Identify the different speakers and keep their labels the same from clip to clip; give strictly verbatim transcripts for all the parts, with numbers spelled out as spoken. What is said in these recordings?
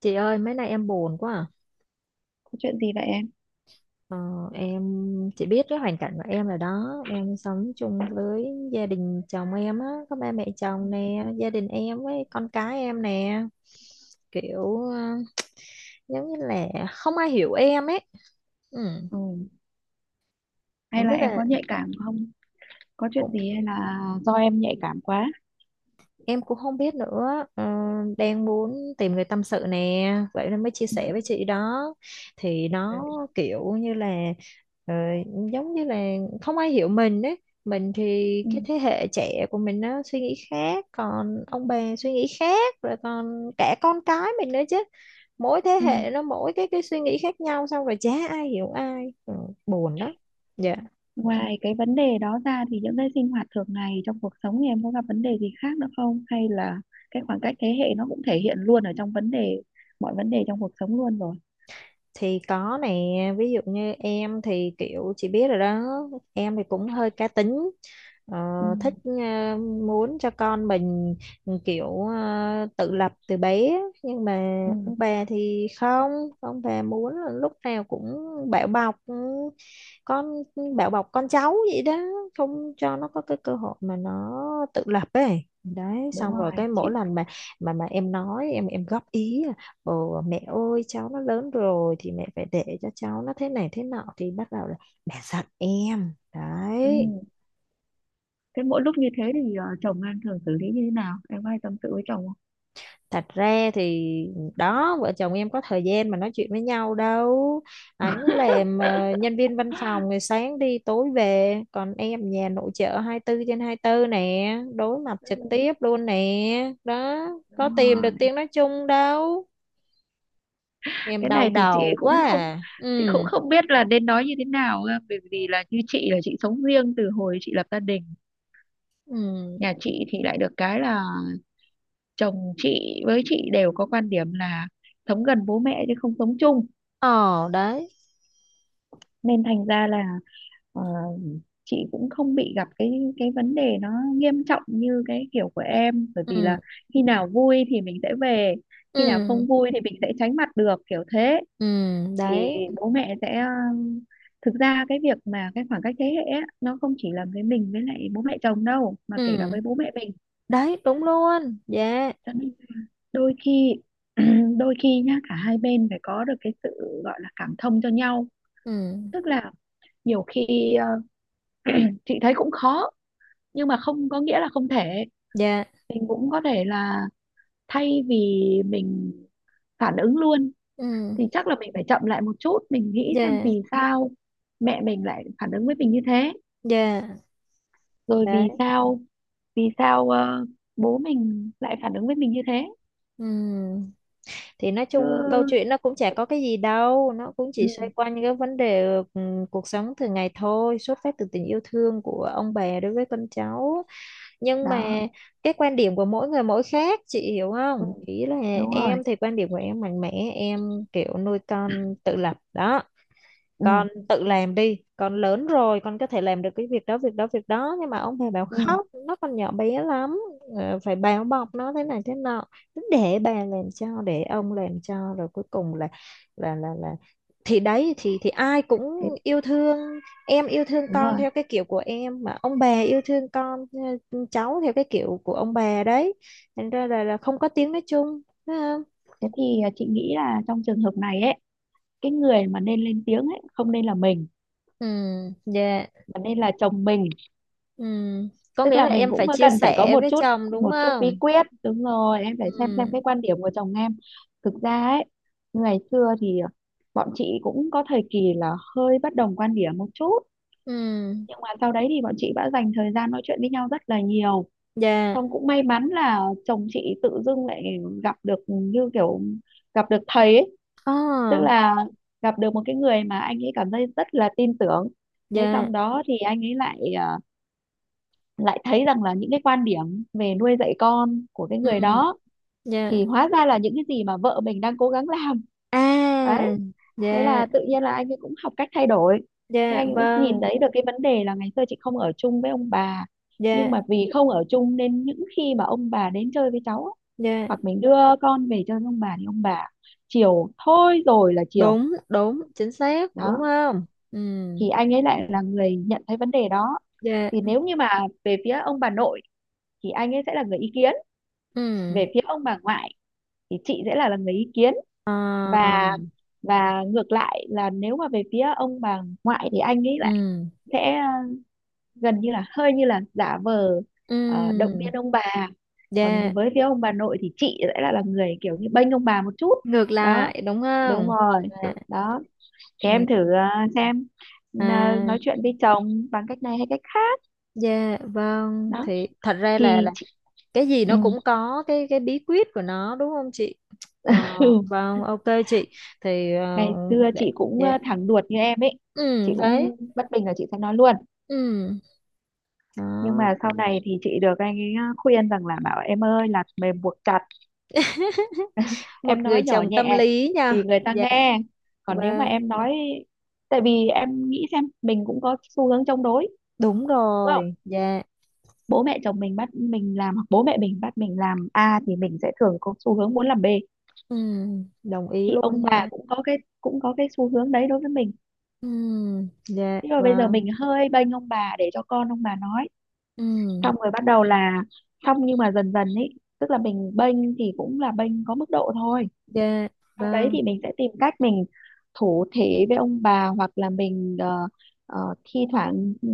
Speaker 1: Chị ơi, mấy nay em buồn quá à.
Speaker 2: Có chuyện gì vậy em?
Speaker 1: Ờ, em chị biết cái hoàn cảnh của em rồi đó. Em sống chung với gia đình chồng em á, có ba mẹ
Speaker 2: Ừ.
Speaker 1: chồng nè, gia đình em với con cái em nè. Kiểu ờ, giống như là không ai hiểu em ấy. Ừ,
Speaker 2: Ừ. Hay
Speaker 1: không
Speaker 2: là
Speaker 1: biết
Speaker 2: em
Speaker 1: là
Speaker 2: có nhạy cảm không? Có chuyện gì hay
Speaker 1: cũng
Speaker 2: là do em nhạy cảm quá?
Speaker 1: em cũng không biết nữa, ờ, đang muốn tìm người tâm sự nè, vậy nên mới chia
Speaker 2: Ừ.
Speaker 1: sẻ với chị đó. Thì
Speaker 2: Ừ.
Speaker 1: nó kiểu như là ờ, giống như là không ai hiểu mình ấy. Mình thì
Speaker 2: Ừ.
Speaker 1: cái thế hệ trẻ của mình nó suy nghĩ khác, còn ông bà suy nghĩ khác, rồi còn cả con cái mình nữa chứ. Mỗi thế
Speaker 2: Ừ.
Speaker 1: hệ nó mỗi cái cái suy nghĩ khác nhau, xong rồi chả ai hiểu ai, ừ, buồn đó. Dạ,
Speaker 2: Ngoài cái vấn đề đó ra thì những cái sinh hoạt thường ngày trong cuộc sống thì em có gặp vấn đề gì khác nữa không? Hay là cái khoảng cách thế hệ nó cũng thể hiện luôn ở trong vấn đề mọi vấn đề trong cuộc sống luôn rồi.
Speaker 1: thì có nè, ví dụ như em thì kiểu chị biết rồi đó, em thì cũng hơi cá tính, ờ,
Speaker 2: Ừ.
Speaker 1: thích, ờ, muốn cho con mình, ừ, kiểu ờ, tự lập từ bé, nhưng mà
Speaker 2: Ừ.
Speaker 1: ông bà thì không, ông bà muốn là lúc nào cũng bảo bọc, ừ, con, bảo bọc con cháu vậy đó, không cho nó có cái cơ hội mà nó tự lập ấy đấy.
Speaker 2: Đúng
Speaker 1: Xong rồi
Speaker 2: rồi.
Speaker 1: cái
Speaker 2: Chị.
Speaker 1: mỗi lần mà mà mà em nói, em em góp ý: "Ồ, mẹ ơi, cháu nó lớn rồi thì mẹ phải để cho cháu nó thế này thế nọ", thì bắt đầu là mẹ giận em
Speaker 2: Ừ.
Speaker 1: đấy.
Speaker 2: Thế mỗi lúc như thế thì ờ, chồng em thường xử lý như thế nào? Em có hay tâm sự với chồng không?
Speaker 1: Thật ra thì đó, vợ chồng em có thời gian mà nói chuyện với nhau đâu. Anh làm ờ, nhân viên văn phòng, ngày sáng đi tối về, còn em nhà nội trợ hai mươi tư trên hai mươi tư nè, đối mặt trực tiếp luôn nè đó, có
Speaker 2: Đúng
Speaker 1: tìm được
Speaker 2: rồi.
Speaker 1: tiếng nói chung đâu. Em
Speaker 2: Cái
Speaker 1: đau
Speaker 2: này thì chị
Speaker 1: đầu quá
Speaker 2: cũng không
Speaker 1: à. Ừ,
Speaker 2: chị cũng không biết là nên nói như thế nào cơ, bởi vì là như chị là chị sống riêng từ hồi chị lập gia đình.
Speaker 1: ừ,
Speaker 2: Nhà chị thì lại được cái là chồng chị với chị đều có quan điểm là sống gần bố mẹ chứ không sống chung,
Speaker 1: ờ đấy,
Speaker 2: nên thành ra là ờ, chị cũng không bị gặp cái cái vấn đề nó nghiêm trọng như cái kiểu của em, bởi vì
Speaker 1: ừ,
Speaker 2: là khi nào vui thì mình sẽ về, khi nào
Speaker 1: ừ,
Speaker 2: không vui thì mình sẽ tránh mặt được, kiểu thế.
Speaker 1: ừ,
Speaker 2: Thì
Speaker 1: đấy.
Speaker 2: bố mẹ sẽ ờ, Thực ra cái việc mà cái khoảng cách thế hệ á, nó không chỉ là với mình với lại bố mẹ chồng đâu mà kể cả
Speaker 1: Ừ,
Speaker 2: với bố mẹ mình,
Speaker 1: đấy, đúng luôn. Dạ.
Speaker 2: cho nên đôi khi đôi khi nhá cả hai bên phải có được cái sự gọi là cảm thông cho nhau.
Speaker 1: Ừ,
Speaker 2: Tức là nhiều khi ờ, chị thấy cũng khó, nhưng mà không có nghĩa là không thể.
Speaker 1: dạ.
Speaker 2: Mình cũng có thể là, thay vì mình phản ứng luôn,
Speaker 1: Ừ,
Speaker 2: thì chắc là mình phải chậm lại một chút, mình nghĩ xem
Speaker 1: dạ,
Speaker 2: vì sao mẹ mình lại phản ứng với mình như thế,
Speaker 1: dạ.
Speaker 2: rồi
Speaker 1: Đấy.
Speaker 2: vì sao, vì sao ờ, bố mình lại phản ứng với mình như thế.
Speaker 1: Ừ. Thì nói
Speaker 2: Chứ.
Speaker 1: chung câu chuyện nó cũng chả có cái gì đâu. Nó cũng chỉ
Speaker 2: Ừ.
Speaker 1: xoay quanh cái vấn đề, ừ, cuộc sống thường ngày thôi. Xuất phát từ tình yêu thương của ông bà đối với con cháu. Nhưng
Speaker 2: Đó.
Speaker 1: mà cái quan điểm của mỗi người mỗi khác. Chị hiểu
Speaker 2: Ừ.
Speaker 1: không? Ý là
Speaker 2: Đúng rồi.
Speaker 1: em thì quan điểm của em mạnh mẽ. Em kiểu nuôi con tự lập đó.
Speaker 2: Ừ.
Speaker 1: Con tự làm đi, con lớn rồi, con có thể làm được cái việc đó, việc đó, việc đó, nhưng mà ông bà bảo
Speaker 2: Ừ.
Speaker 1: khóc nó còn nhỏ bé lắm, ờ, phải bao bọc nó thế này thế nọ. Cứ để bà làm cho, để ông làm cho, rồi cuối cùng là là là là thì đấy, thì thì ai cũng
Speaker 2: Thế.
Speaker 1: yêu thương. Em yêu thương
Speaker 2: Đúng
Speaker 1: con
Speaker 2: rồi.
Speaker 1: theo cái kiểu của em, mà ông bà yêu thương con, ừ, cháu theo cái kiểu của ông bà đấy. Thành ra là, là không có tiếng nói chung, phải không?
Speaker 2: Thế thì ờ, chị nghĩ là trong trường hợp này ấy, cái người mà nên lên tiếng ấy không nên là mình
Speaker 1: Ừ, dạ.
Speaker 2: mà nên là chồng mình.
Speaker 1: Ừ, có
Speaker 2: Tức
Speaker 1: nghĩa
Speaker 2: là
Speaker 1: là
Speaker 2: mình
Speaker 1: em
Speaker 2: cũng
Speaker 1: phải chia
Speaker 2: cần phải có
Speaker 1: sẻ
Speaker 2: một
Speaker 1: với
Speaker 2: chút,
Speaker 1: chồng đúng
Speaker 2: một chút bí
Speaker 1: không?
Speaker 2: quyết. Đúng rồi, em phải xem xem
Speaker 1: Ừ,
Speaker 2: cái quan điểm của chồng em. Thực ra ấy, ngày xưa thì ờ, bọn chị cũng có thời kỳ là hơi bất đồng quan điểm một chút,
Speaker 1: ừ,
Speaker 2: nhưng mà sau đấy thì bọn chị đã dành thời gian nói chuyện với nhau rất là nhiều.
Speaker 1: dạ,
Speaker 2: Xong cũng may mắn là chồng chị tự dưng lại gặp được, như kiểu gặp được thầy ấy. Tức
Speaker 1: ồ,
Speaker 2: là gặp được một cái người mà anh ấy cảm thấy rất là tin tưởng. Thế
Speaker 1: dạ,
Speaker 2: xong đó thì anh ấy lại à, lại thấy rằng là những cái quan điểm về nuôi dạy con của cái người
Speaker 1: ừ,
Speaker 2: đó
Speaker 1: dạ,
Speaker 2: thì hóa ra là những cái gì mà vợ mình đang cố gắng làm.
Speaker 1: à,
Speaker 2: Đấy, thế
Speaker 1: dạ,
Speaker 2: là tự nhiên là anh ấy cũng học cách thay đổi. Thế
Speaker 1: dạ,
Speaker 2: anh ấy cũng nhìn
Speaker 1: vâng,
Speaker 2: thấy được cái vấn đề là, ngày xưa chị không ở chung với ông bà, nhưng
Speaker 1: dạ,
Speaker 2: mà vì không ở chung nên những khi mà ông bà đến chơi với cháu á,
Speaker 1: dạ,
Speaker 2: hoặc mình đưa con về chơi với ông bà, thì ông bà chiều thôi rồi là chiều.
Speaker 1: đúng, đúng, chính xác, đúng
Speaker 2: Đó
Speaker 1: không? Ừ,
Speaker 2: thì anh ấy lại là người nhận thấy vấn đề đó.
Speaker 1: dạ,
Speaker 2: Thì nếu như mà về phía ông bà nội thì anh ấy sẽ là người ý kiến,
Speaker 1: ừ,
Speaker 2: về phía ông bà ngoại thì chị sẽ là, là người ý kiến.
Speaker 1: ờ,
Speaker 2: Và và ngược lại là, nếu mà về phía ông bà ngoại thì anh ấy lại
Speaker 1: ừ,
Speaker 2: sẽ gần như là hơi như là giả vờ ờ, động
Speaker 1: ừ,
Speaker 2: viên ông bà,
Speaker 1: dạ,
Speaker 2: còn với phía ông bà nội thì chị sẽ là, là người kiểu như bênh ông bà một chút.
Speaker 1: ngược
Speaker 2: Đó.
Speaker 1: lại, đúng
Speaker 2: Đúng
Speaker 1: không?
Speaker 2: rồi.
Speaker 1: Dạ,
Speaker 2: Đó thì em thử
Speaker 1: ừ,
Speaker 2: ờ, xem, ờ,
Speaker 1: à,
Speaker 2: nói chuyện với chồng bằng cách này hay cách khác.
Speaker 1: dạ, vâng,
Speaker 2: Đó
Speaker 1: thì thật ra là
Speaker 2: thì
Speaker 1: là
Speaker 2: chị,
Speaker 1: cái gì
Speaker 2: ừ.
Speaker 1: nó cũng có cái cái bí quyết của nó đúng không chị? Ờ, vâng, ok chị, thì ờ,
Speaker 2: Ngày xưa
Speaker 1: để,
Speaker 2: chị cũng
Speaker 1: dạ.
Speaker 2: ờ, thẳng đuột như em ấy, chị
Speaker 1: Ừ đấy,
Speaker 2: cũng bất bình là chị sẽ nói luôn,
Speaker 1: ừ
Speaker 2: nhưng mà
Speaker 1: đó.
Speaker 2: sau này thì chị được anh ấy ờ, khuyên rằng là, bảo em ơi là mềm buộc chặt, em
Speaker 1: Một người
Speaker 2: nói nhỏ
Speaker 1: chồng tâm
Speaker 2: nhẹ
Speaker 1: lý
Speaker 2: thì
Speaker 1: nha.
Speaker 2: người ta
Speaker 1: Dạ,
Speaker 2: nghe. Còn nếu mà
Speaker 1: vâng,
Speaker 2: em nói Tại vì em nghĩ xem, mình cũng có xu hướng chống đối
Speaker 1: đúng
Speaker 2: đúng không?
Speaker 1: rồi. Dạ,
Speaker 2: Bố mẹ chồng mình bắt mình làm hoặc bố mẹ mình bắt mình làm A, thì mình sẽ thường có xu hướng muốn làm bê.
Speaker 1: ừ, đồng ý
Speaker 2: Thì
Speaker 1: luôn
Speaker 2: ông bà
Speaker 1: nha.
Speaker 2: cũng có cái cũng có cái xu hướng đấy đối với mình.
Speaker 1: Ừ, dạ,
Speaker 2: Nhưng rồi bây giờ
Speaker 1: vâng.
Speaker 2: mình hơi bênh ông bà để cho con ông bà nói,
Speaker 1: Ừ,
Speaker 2: xong rồi bắt đầu là, xong nhưng mà dần dần ấy, tức là mình bênh thì cũng là bênh có mức độ thôi.
Speaker 1: dạ,
Speaker 2: Sau đấy
Speaker 1: vâng.
Speaker 2: thì mình sẽ tìm cách mình thổ thể với ông bà, hoặc là mình ờ, ờ, thi thoảng ừ,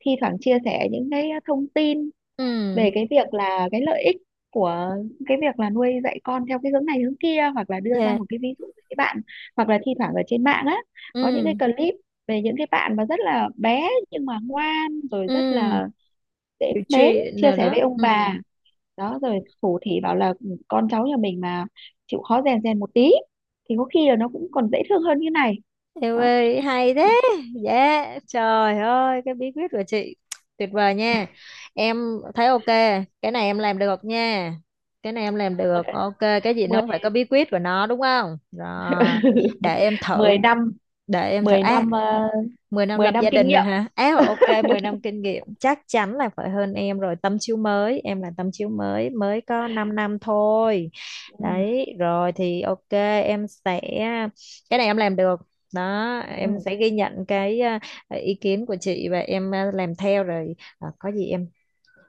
Speaker 2: thi thoảng chia sẻ những cái thông tin
Speaker 1: Ừ,
Speaker 2: về cái việc là cái lợi ích của cái việc là nuôi dạy con theo cái hướng này hướng kia, hoặc là đưa ra
Speaker 1: dạ,
Speaker 2: một cái ví dụ với các bạn, hoặc là thi thoảng ở trên mạng á có những cái
Speaker 1: ừ,
Speaker 2: clip về những cái bạn mà rất là bé nhưng mà ngoan, rồi rất
Speaker 1: ừ,
Speaker 2: là dễ
Speaker 1: hiểu
Speaker 2: mến,
Speaker 1: chuyện
Speaker 2: chia
Speaker 1: rồi
Speaker 2: sẻ với
Speaker 1: đó,
Speaker 2: ông
Speaker 1: ừ.
Speaker 2: bà. Đó rồi thủ thì bảo là: "Ừ, con cháu nhà mình mà chịu khó rèn rèn một tí thì có khi là nó cũng còn dễ thương hơn như này."
Speaker 1: Em
Speaker 2: Đó,
Speaker 1: ơi, hay thế. Dạ, trời ơi, cái bí quyết của chị tuyệt vời nha. Em thấy ok, cái này em làm được nha. Cái này em làm
Speaker 2: mười
Speaker 1: được, ok, cái gì nó cũng phải
Speaker 2: mười
Speaker 1: có bí quyết của nó đúng không? Rồi, để em thử,
Speaker 2: mười năm
Speaker 1: để em thử.
Speaker 2: mười
Speaker 1: À,
Speaker 2: năm ờ,
Speaker 1: mười năm
Speaker 2: mười
Speaker 1: lập
Speaker 2: năm
Speaker 1: gia
Speaker 2: kinh
Speaker 1: đình rồi
Speaker 2: nghiệm
Speaker 1: hả? Á, ok, mười năm kinh nghiệm chắc chắn là phải hơn em rồi, tấm chiếu mới, em là tấm chiếu mới, mới có 5 năm thôi.
Speaker 2: Ừ.
Speaker 1: Đấy, rồi thì ok, em sẽ cái này em làm được. Đó,
Speaker 2: Ừ.
Speaker 1: em sẽ ghi nhận cái à, ý kiến của chị và em à, làm theo rồi. À, có gì em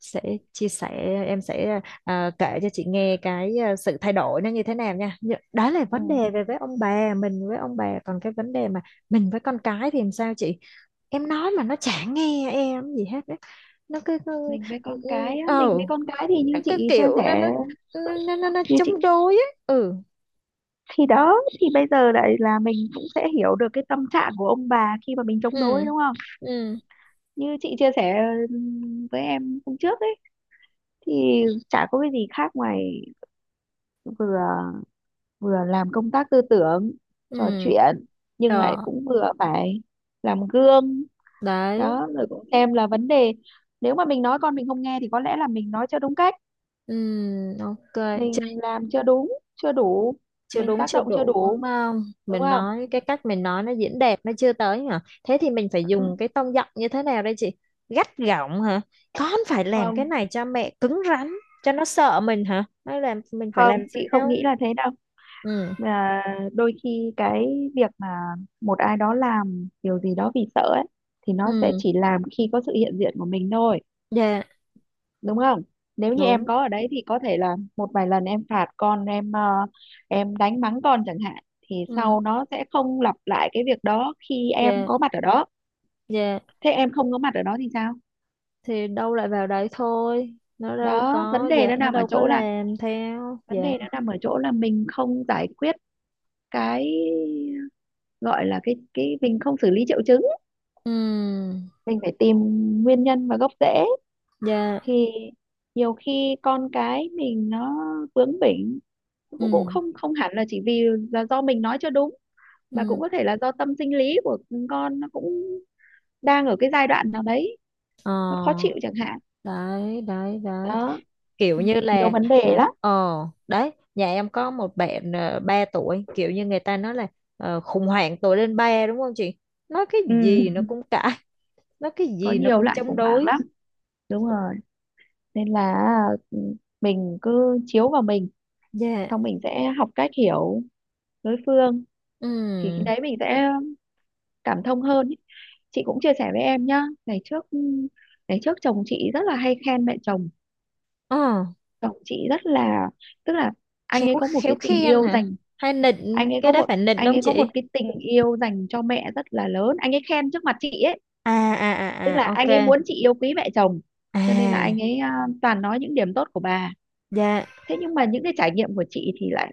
Speaker 1: sẽ chia sẻ, em sẽ à, kể cho chị nghe cái à, sự thay đổi nó như thế nào nha. Nhưng- đó là
Speaker 2: Ừ.
Speaker 1: vấn đề về với ông bà, mình với ông bà, còn cái vấn đề mà mình với con cái thì làm sao chị? Em nói mà nó chả nghe em gì hết á, nó cứ cứ-
Speaker 2: Mình với
Speaker 1: ừ,
Speaker 2: con
Speaker 1: ừ,
Speaker 2: cái á,
Speaker 1: ờ,
Speaker 2: mình với con cái thì như
Speaker 1: nó cứ
Speaker 2: chị chia
Speaker 1: kiểu nó
Speaker 2: sẻ,
Speaker 1: nó nó nó, nó
Speaker 2: như chị
Speaker 1: chống đối á. Ừ,
Speaker 2: thì đó, thì bây giờ lại là mình cũng sẽ hiểu được cái tâm trạng của ông bà khi mà mình chống
Speaker 1: ừ,
Speaker 2: đối đúng không?
Speaker 1: ừ,
Speaker 2: Như chị chia sẻ ừm, với em hôm trước ấy, thì chả có cái gì khác ngoài vừa vừa làm công tác tư tưởng,
Speaker 1: ừ,
Speaker 2: trò chuyện, nhưng lại
Speaker 1: đó,
Speaker 2: cũng vừa phải làm gương.
Speaker 1: đấy,
Speaker 2: Đó rồi cũng xem là vấn đề, nếu mà mình nói con mình không nghe thì có lẽ là mình nói chưa đúng cách,
Speaker 1: ừ, ok. Chưa,
Speaker 2: mình làm chưa đúng, chưa đủ,
Speaker 1: chưa
Speaker 2: mình
Speaker 1: đúng
Speaker 2: tác
Speaker 1: chưa
Speaker 2: động chưa
Speaker 1: đủ đúng
Speaker 2: đủ,
Speaker 1: không,
Speaker 2: đúng
Speaker 1: mình
Speaker 2: không?
Speaker 1: nói cái cách mình nói nó diễn đạt nó chưa tới hả, thế thì mình phải dùng cái tông giọng như thế nào đây chị? Gắt gỏng hả, con phải làm cái
Speaker 2: Không,
Speaker 1: này cho mẹ, cứng rắn cho nó sợ mình hả, hay là mình phải
Speaker 2: không,
Speaker 1: làm
Speaker 2: chị không
Speaker 1: sao?
Speaker 2: nghĩ là thế đâu,
Speaker 1: Ừ,
Speaker 2: mà đôi khi cái việc mà một ai đó làm điều gì đó vì sợ ấy thì nó sẽ
Speaker 1: ừ,
Speaker 2: chỉ làm khi có sự hiện diện của mình thôi,
Speaker 1: dạ,
Speaker 2: đúng không? Nếu như em
Speaker 1: đúng.
Speaker 2: có ở đấy thì có thể là một vài lần em phạt con, em ờ, em đánh mắng con chẳng hạn, thì
Speaker 1: Ừ,
Speaker 2: sau nó sẽ không lặp lại cái việc đó khi em
Speaker 1: dạ,
Speaker 2: có mặt ở đó.
Speaker 1: dạ.
Speaker 2: Thế em không có mặt ở đó thì sao?
Speaker 1: Thì đâu lại vào đấy thôi. Nó đâu
Speaker 2: Đó, vấn
Speaker 1: có,
Speaker 2: đề
Speaker 1: dạ,
Speaker 2: nó
Speaker 1: nó
Speaker 2: nằm ở
Speaker 1: đâu có
Speaker 2: chỗ là,
Speaker 1: làm theo.
Speaker 2: vấn
Speaker 1: Dạ.
Speaker 2: đề nó nằm ở chỗ là mình không giải quyết cái gọi là cái cái mình không xử lý triệu chứng,
Speaker 1: Ừ,
Speaker 2: mình phải tìm nguyên nhân và gốc rễ.
Speaker 1: dạ.
Speaker 2: Thì nhiều khi con cái mình nó bướng bỉnh cũng cũng
Speaker 1: Ừ,
Speaker 2: không không hẳn là chỉ vì là do mình nói chưa đúng, mà cũng
Speaker 1: ừ.
Speaker 2: có thể là do tâm sinh lý của con nó cũng đang ở cái giai đoạn nào đấy
Speaker 1: Ờ,
Speaker 2: nó khó chịu chẳng hạn.
Speaker 1: đấy, đấy, đấy.
Speaker 2: Đó,
Speaker 1: Kiểu như
Speaker 2: nhiều
Speaker 1: là,
Speaker 2: vấn đề
Speaker 1: ờ,
Speaker 2: lắm.
Speaker 1: ờ, đấy. Nhà em có một bạn uh, ba tuổi. Kiểu như người ta nói là ờ, khủng hoảng tuổi lên ba đúng không chị? Nói cái
Speaker 2: Ừ,
Speaker 1: gì nó cũng cãi. Nói cái
Speaker 2: có
Speaker 1: gì nó
Speaker 2: nhiều
Speaker 1: cũng
Speaker 2: loại
Speaker 1: chống
Speaker 2: khủng hoảng
Speaker 1: đối.
Speaker 2: lắm. Đúng rồi, nên là, ừ, mình cứ chiếu vào mình,
Speaker 1: Dạ.
Speaker 2: xong mình sẽ học cách hiểu đối phương, thì khi
Speaker 1: Ừ.
Speaker 2: đấy mình sẽ cảm thông hơn ý. Chị cũng chia sẻ với em nhá, ngày trước, ngày trước chồng chị rất là hay khen mẹ chồng.
Speaker 1: Ờ.
Speaker 2: Chồng chị rất là, tức là anh ấy
Speaker 1: Khéo
Speaker 2: có một
Speaker 1: khéo
Speaker 2: cái tình
Speaker 1: khen
Speaker 2: yêu
Speaker 1: hả,
Speaker 2: dành,
Speaker 1: hay nịnh,
Speaker 2: anh ấy
Speaker 1: cái
Speaker 2: có
Speaker 1: đó
Speaker 2: một
Speaker 1: phải nịnh
Speaker 2: anh
Speaker 1: không
Speaker 2: ấy có một
Speaker 1: chị?
Speaker 2: cái tình yêu dành cho mẹ rất là lớn, anh ấy khen trước mặt chị ấy.
Speaker 1: À, à,
Speaker 2: Tức
Speaker 1: à,
Speaker 2: là
Speaker 1: à, ok,
Speaker 2: anh ấy muốn chị yêu quý mẹ chồng,
Speaker 1: à,
Speaker 2: cho nên là anh ấy à, toàn nói những điểm tốt của bà.
Speaker 1: dạ,
Speaker 2: Thế nhưng mà những cái trải nghiệm của chị thì lại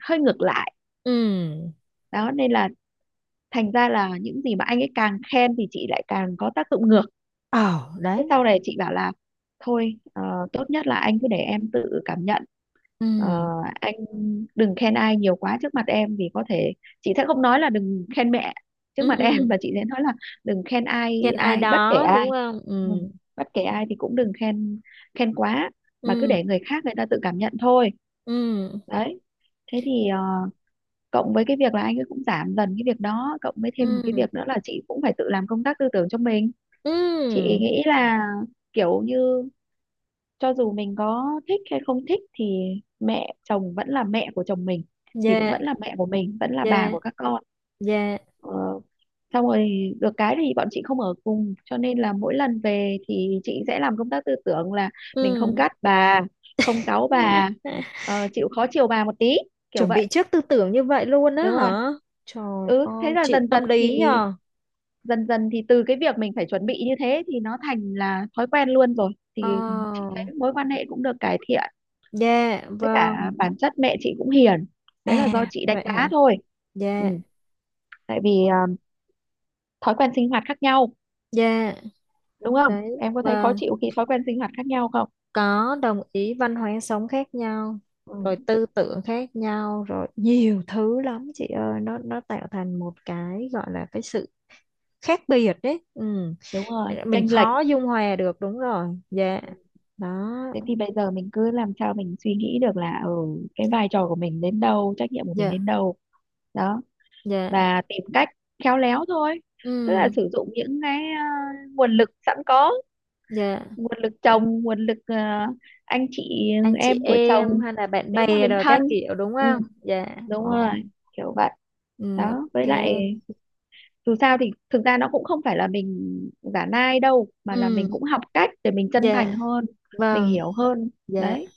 Speaker 2: hơi ngược lại,
Speaker 1: ừ,
Speaker 2: đó, nên là thành ra là những gì mà anh ấy càng khen thì chị lại càng có tác dụng ngược.
Speaker 1: ồ,
Speaker 2: Thế
Speaker 1: đấy,
Speaker 2: sau này chị bảo là thôi, ờ, tốt nhất là anh cứ để em tự cảm nhận. Ờ,
Speaker 1: ừ,
Speaker 2: anh đừng khen ai nhiều quá trước mặt em, vì có thể chị sẽ không nói là đừng khen mẹ trước mặt
Speaker 1: ừ,
Speaker 2: em, và chị sẽ nói là đừng khen ai,
Speaker 1: khen ai
Speaker 2: ai bất kể
Speaker 1: đó đúng
Speaker 2: ai.
Speaker 1: không,
Speaker 2: Ừ,
Speaker 1: ừ,
Speaker 2: bất kể ai thì cũng đừng khen khen quá, mà cứ để
Speaker 1: ừ,
Speaker 2: người khác người ta tự cảm nhận thôi.
Speaker 1: ừ,
Speaker 2: Đấy, thế thì ờ, cộng với cái việc là anh ấy cũng giảm dần cái việc đó, cộng với thêm một cái
Speaker 1: ừ,
Speaker 2: việc nữa là chị cũng phải tự làm công tác tư tưởng cho mình. Chị
Speaker 1: ừ,
Speaker 2: nghĩ là, kiểu như, cho dù mình có thích hay không thích thì mẹ chồng vẫn là mẹ của chồng mình, thì cũng
Speaker 1: dạ,
Speaker 2: vẫn là mẹ của mình, vẫn là bà
Speaker 1: dạ,
Speaker 2: của các con.
Speaker 1: dạ,
Speaker 2: ờ, Xong rồi được cái thì bọn chị không ở cùng, cho nên là mỗi lần về thì chị sẽ làm công tác tư tưởng là, mình không
Speaker 1: ừ.
Speaker 2: gắt bà, không cáu bà, ờ, chịu khó chiều bà một tí, kiểu
Speaker 1: Chuẩn
Speaker 2: vậy.
Speaker 1: bị trước tư tưởng như vậy luôn á
Speaker 2: Đúng rồi.
Speaker 1: hả? Trời
Speaker 2: Ừ, thế
Speaker 1: ơi
Speaker 2: là
Speaker 1: chị
Speaker 2: dần dần
Speaker 1: tâm lý
Speaker 2: thì
Speaker 1: nhờ.
Speaker 2: dần dần thì từ cái việc mình phải chuẩn bị như thế thì nó thành là thói quen luôn rồi,
Speaker 1: Ờ,
Speaker 2: thì chị thấy mối quan hệ cũng được cải thiện.
Speaker 1: dạ,
Speaker 2: Với
Speaker 1: vâng.
Speaker 2: cả bản chất mẹ chị cũng hiền, đấy là do
Speaker 1: À,
Speaker 2: chị đánh
Speaker 1: vậy
Speaker 2: đá
Speaker 1: hả?
Speaker 2: thôi. Ừ.
Speaker 1: Dạ.
Speaker 2: Tại vì
Speaker 1: Ờ,
Speaker 2: à, thói quen sinh hoạt khác nhau,
Speaker 1: dạ,
Speaker 2: đúng không,
Speaker 1: đấy,
Speaker 2: em có thấy khó
Speaker 1: vâng,
Speaker 2: chịu khi thói quen sinh hoạt khác nhau không?
Speaker 1: có, đồng ý, văn hóa sống khác nhau, rồi
Speaker 2: Ừ.
Speaker 1: tư tưởng khác nhau, rồi nhiều thứ lắm chị ơi, nó nó tạo thành một cái gọi là cái sự khác biệt đấy, ừ.
Speaker 2: Đúng rồi,
Speaker 1: Mình
Speaker 2: chênh lệch.
Speaker 1: khó dung hòa được, đúng rồi, dạ.
Speaker 2: Ừ.
Speaker 1: Đó,
Speaker 2: Thế thì bây giờ mình cứ làm sao mình suy nghĩ được là, ừ, cái vai trò của mình đến đâu, trách nhiệm của mình
Speaker 1: dạ,
Speaker 2: đến đâu. Đó,
Speaker 1: dạ,
Speaker 2: và tìm cách khéo léo thôi, tức là
Speaker 1: ừ,
Speaker 2: sử dụng những cái à, nguồn lực sẵn có,
Speaker 1: dạ,
Speaker 2: nguồn lực chồng, nguồn lực ờ, anh chị
Speaker 1: anh chị
Speaker 2: em của
Speaker 1: em
Speaker 2: chồng,
Speaker 1: hay là bạn
Speaker 2: nếu mà
Speaker 1: bè
Speaker 2: mình
Speaker 1: rồi các
Speaker 2: thân.
Speaker 1: kiểu đúng
Speaker 2: Ừ,
Speaker 1: không, dạ.
Speaker 2: đúng rồi,
Speaker 1: Ồ,
Speaker 2: kiểu vậy.
Speaker 1: ừ,
Speaker 2: Đó,
Speaker 1: ok,
Speaker 2: với lại dù sao thì thực ra nó cũng không phải là mình giả nai đâu, mà là mình
Speaker 1: ừ,
Speaker 2: cũng học cách để mình chân thành
Speaker 1: dạ,
Speaker 2: hơn, mình
Speaker 1: vâng,
Speaker 2: hiểu hơn.
Speaker 1: dạ.
Speaker 2: Đấy,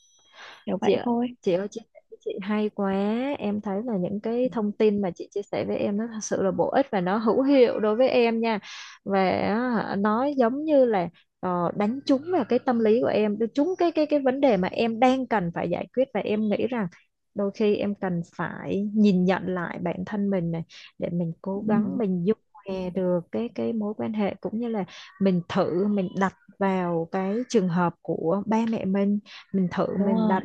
Speaker 2: kiểu
Speaker 1: Chị
Speaker 2: vậy
Speaker 1: ạ-
Speaker 2: thôi.
Speaker 1: chị ơi, chia sẻ với chị hay quá. Em thấy là những cái thông tin mà chị chia sẻ với em nó thật sự là bổ ích và nó hữu hiệu đối với em nha. Và á, nó giống như là ờ, đánh trúng vào cái tâm lý của em, đánh trúng cái cái cái vấn đề mà em đang cần phải giải quyết, và em nghĩ rằng đôi khi em cần phải nhìn nhận lại bản thân mình này, để mình cố
Speaker 2: Ừ,
Speaker 1: gắng mình dung hòa được cái cái mối quan hệ, cũng như là mình thử mình đặt vào cái trường hợp của ba mẹ mình mình thử
Speaker 2: đúng
Speaker 1: mình
Speaker 2: rồi.
Speaker 1: đặt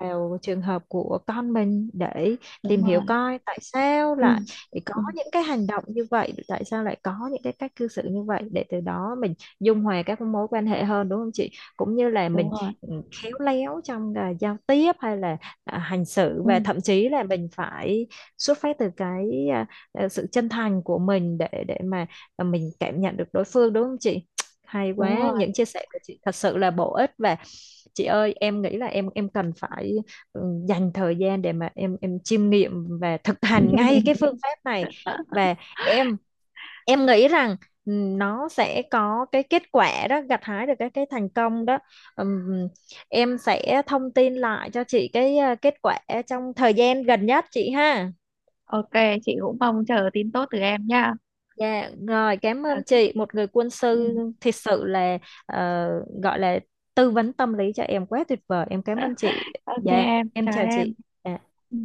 Speaker 1: vào trường hợp của con mình để
Speaker 2: Đúng
Speaker 1: tìm hiểu
Speaker 2: rồi.
Speaker 1: coi tại sao
Speaker 2: Ừ.
Speaker 1: lại có
Speaker 2: Ừ.
Speaker 1: những cái hành động như vậy, tại sao lại có những cái cách cư xử như vậy, để từ đó mình dung hòa các mối quan hệ hơn đúng không chị? Cũng như là mình,
Speaker 2: Đúng rồi.
Speaker 1: ừ, khéo léo trong à, giao tiếp hay là à, hành xử,
Speaker 2: Ừ,
Speaker 1: và thậm chí là mình phải xuất phát từ cái à, à, sự chân thành của mình để để mà à, mình cảm nhận được đối phương đúng không chị? Hay
Speaker 2: đúng
Speaker 1: quá,
Speaker 2: rồi.
Speaker 1: những chia sẻ của chị thật sự là bổ ích. Và chị ơi, em nghĩ là em em cần phải, ừ, dành thời gian để mà em em chiêm nghiệm và thực hành ngay cái phương pháp này, và em em nghĩ rằng, ừ, nó sẽ có cái kết quả đó, gặt hái được cái cái thành công đó. Ừm, em sẽ thông tin lại cho chị cái ờ, kết quả trong thời gian gần nhất chị ha.
Speaker 2: OK, chị cũng mong chờ tin tốt từ em nha.
Speaker 1: Dạ, rồi, cảm ơn
Speaker 2: OK.
Speaker 1: chị. Một người quân
Speaker 2: Ừ.
Speaker 1: sư thật sự là ờ, gọi là tư vấn tâm lý cho em, quá tuyệt vời. Em cảm ơn chị.
Speaker 2: OK
Speaker 1: Dạ,
Speaker 2: em,
Speaker 1: em
Speaker 2: chào
Speaker 1: chào chị.
Speaker 2: em.
Speaker 1: Dạ.
Speaker 2: Ừ.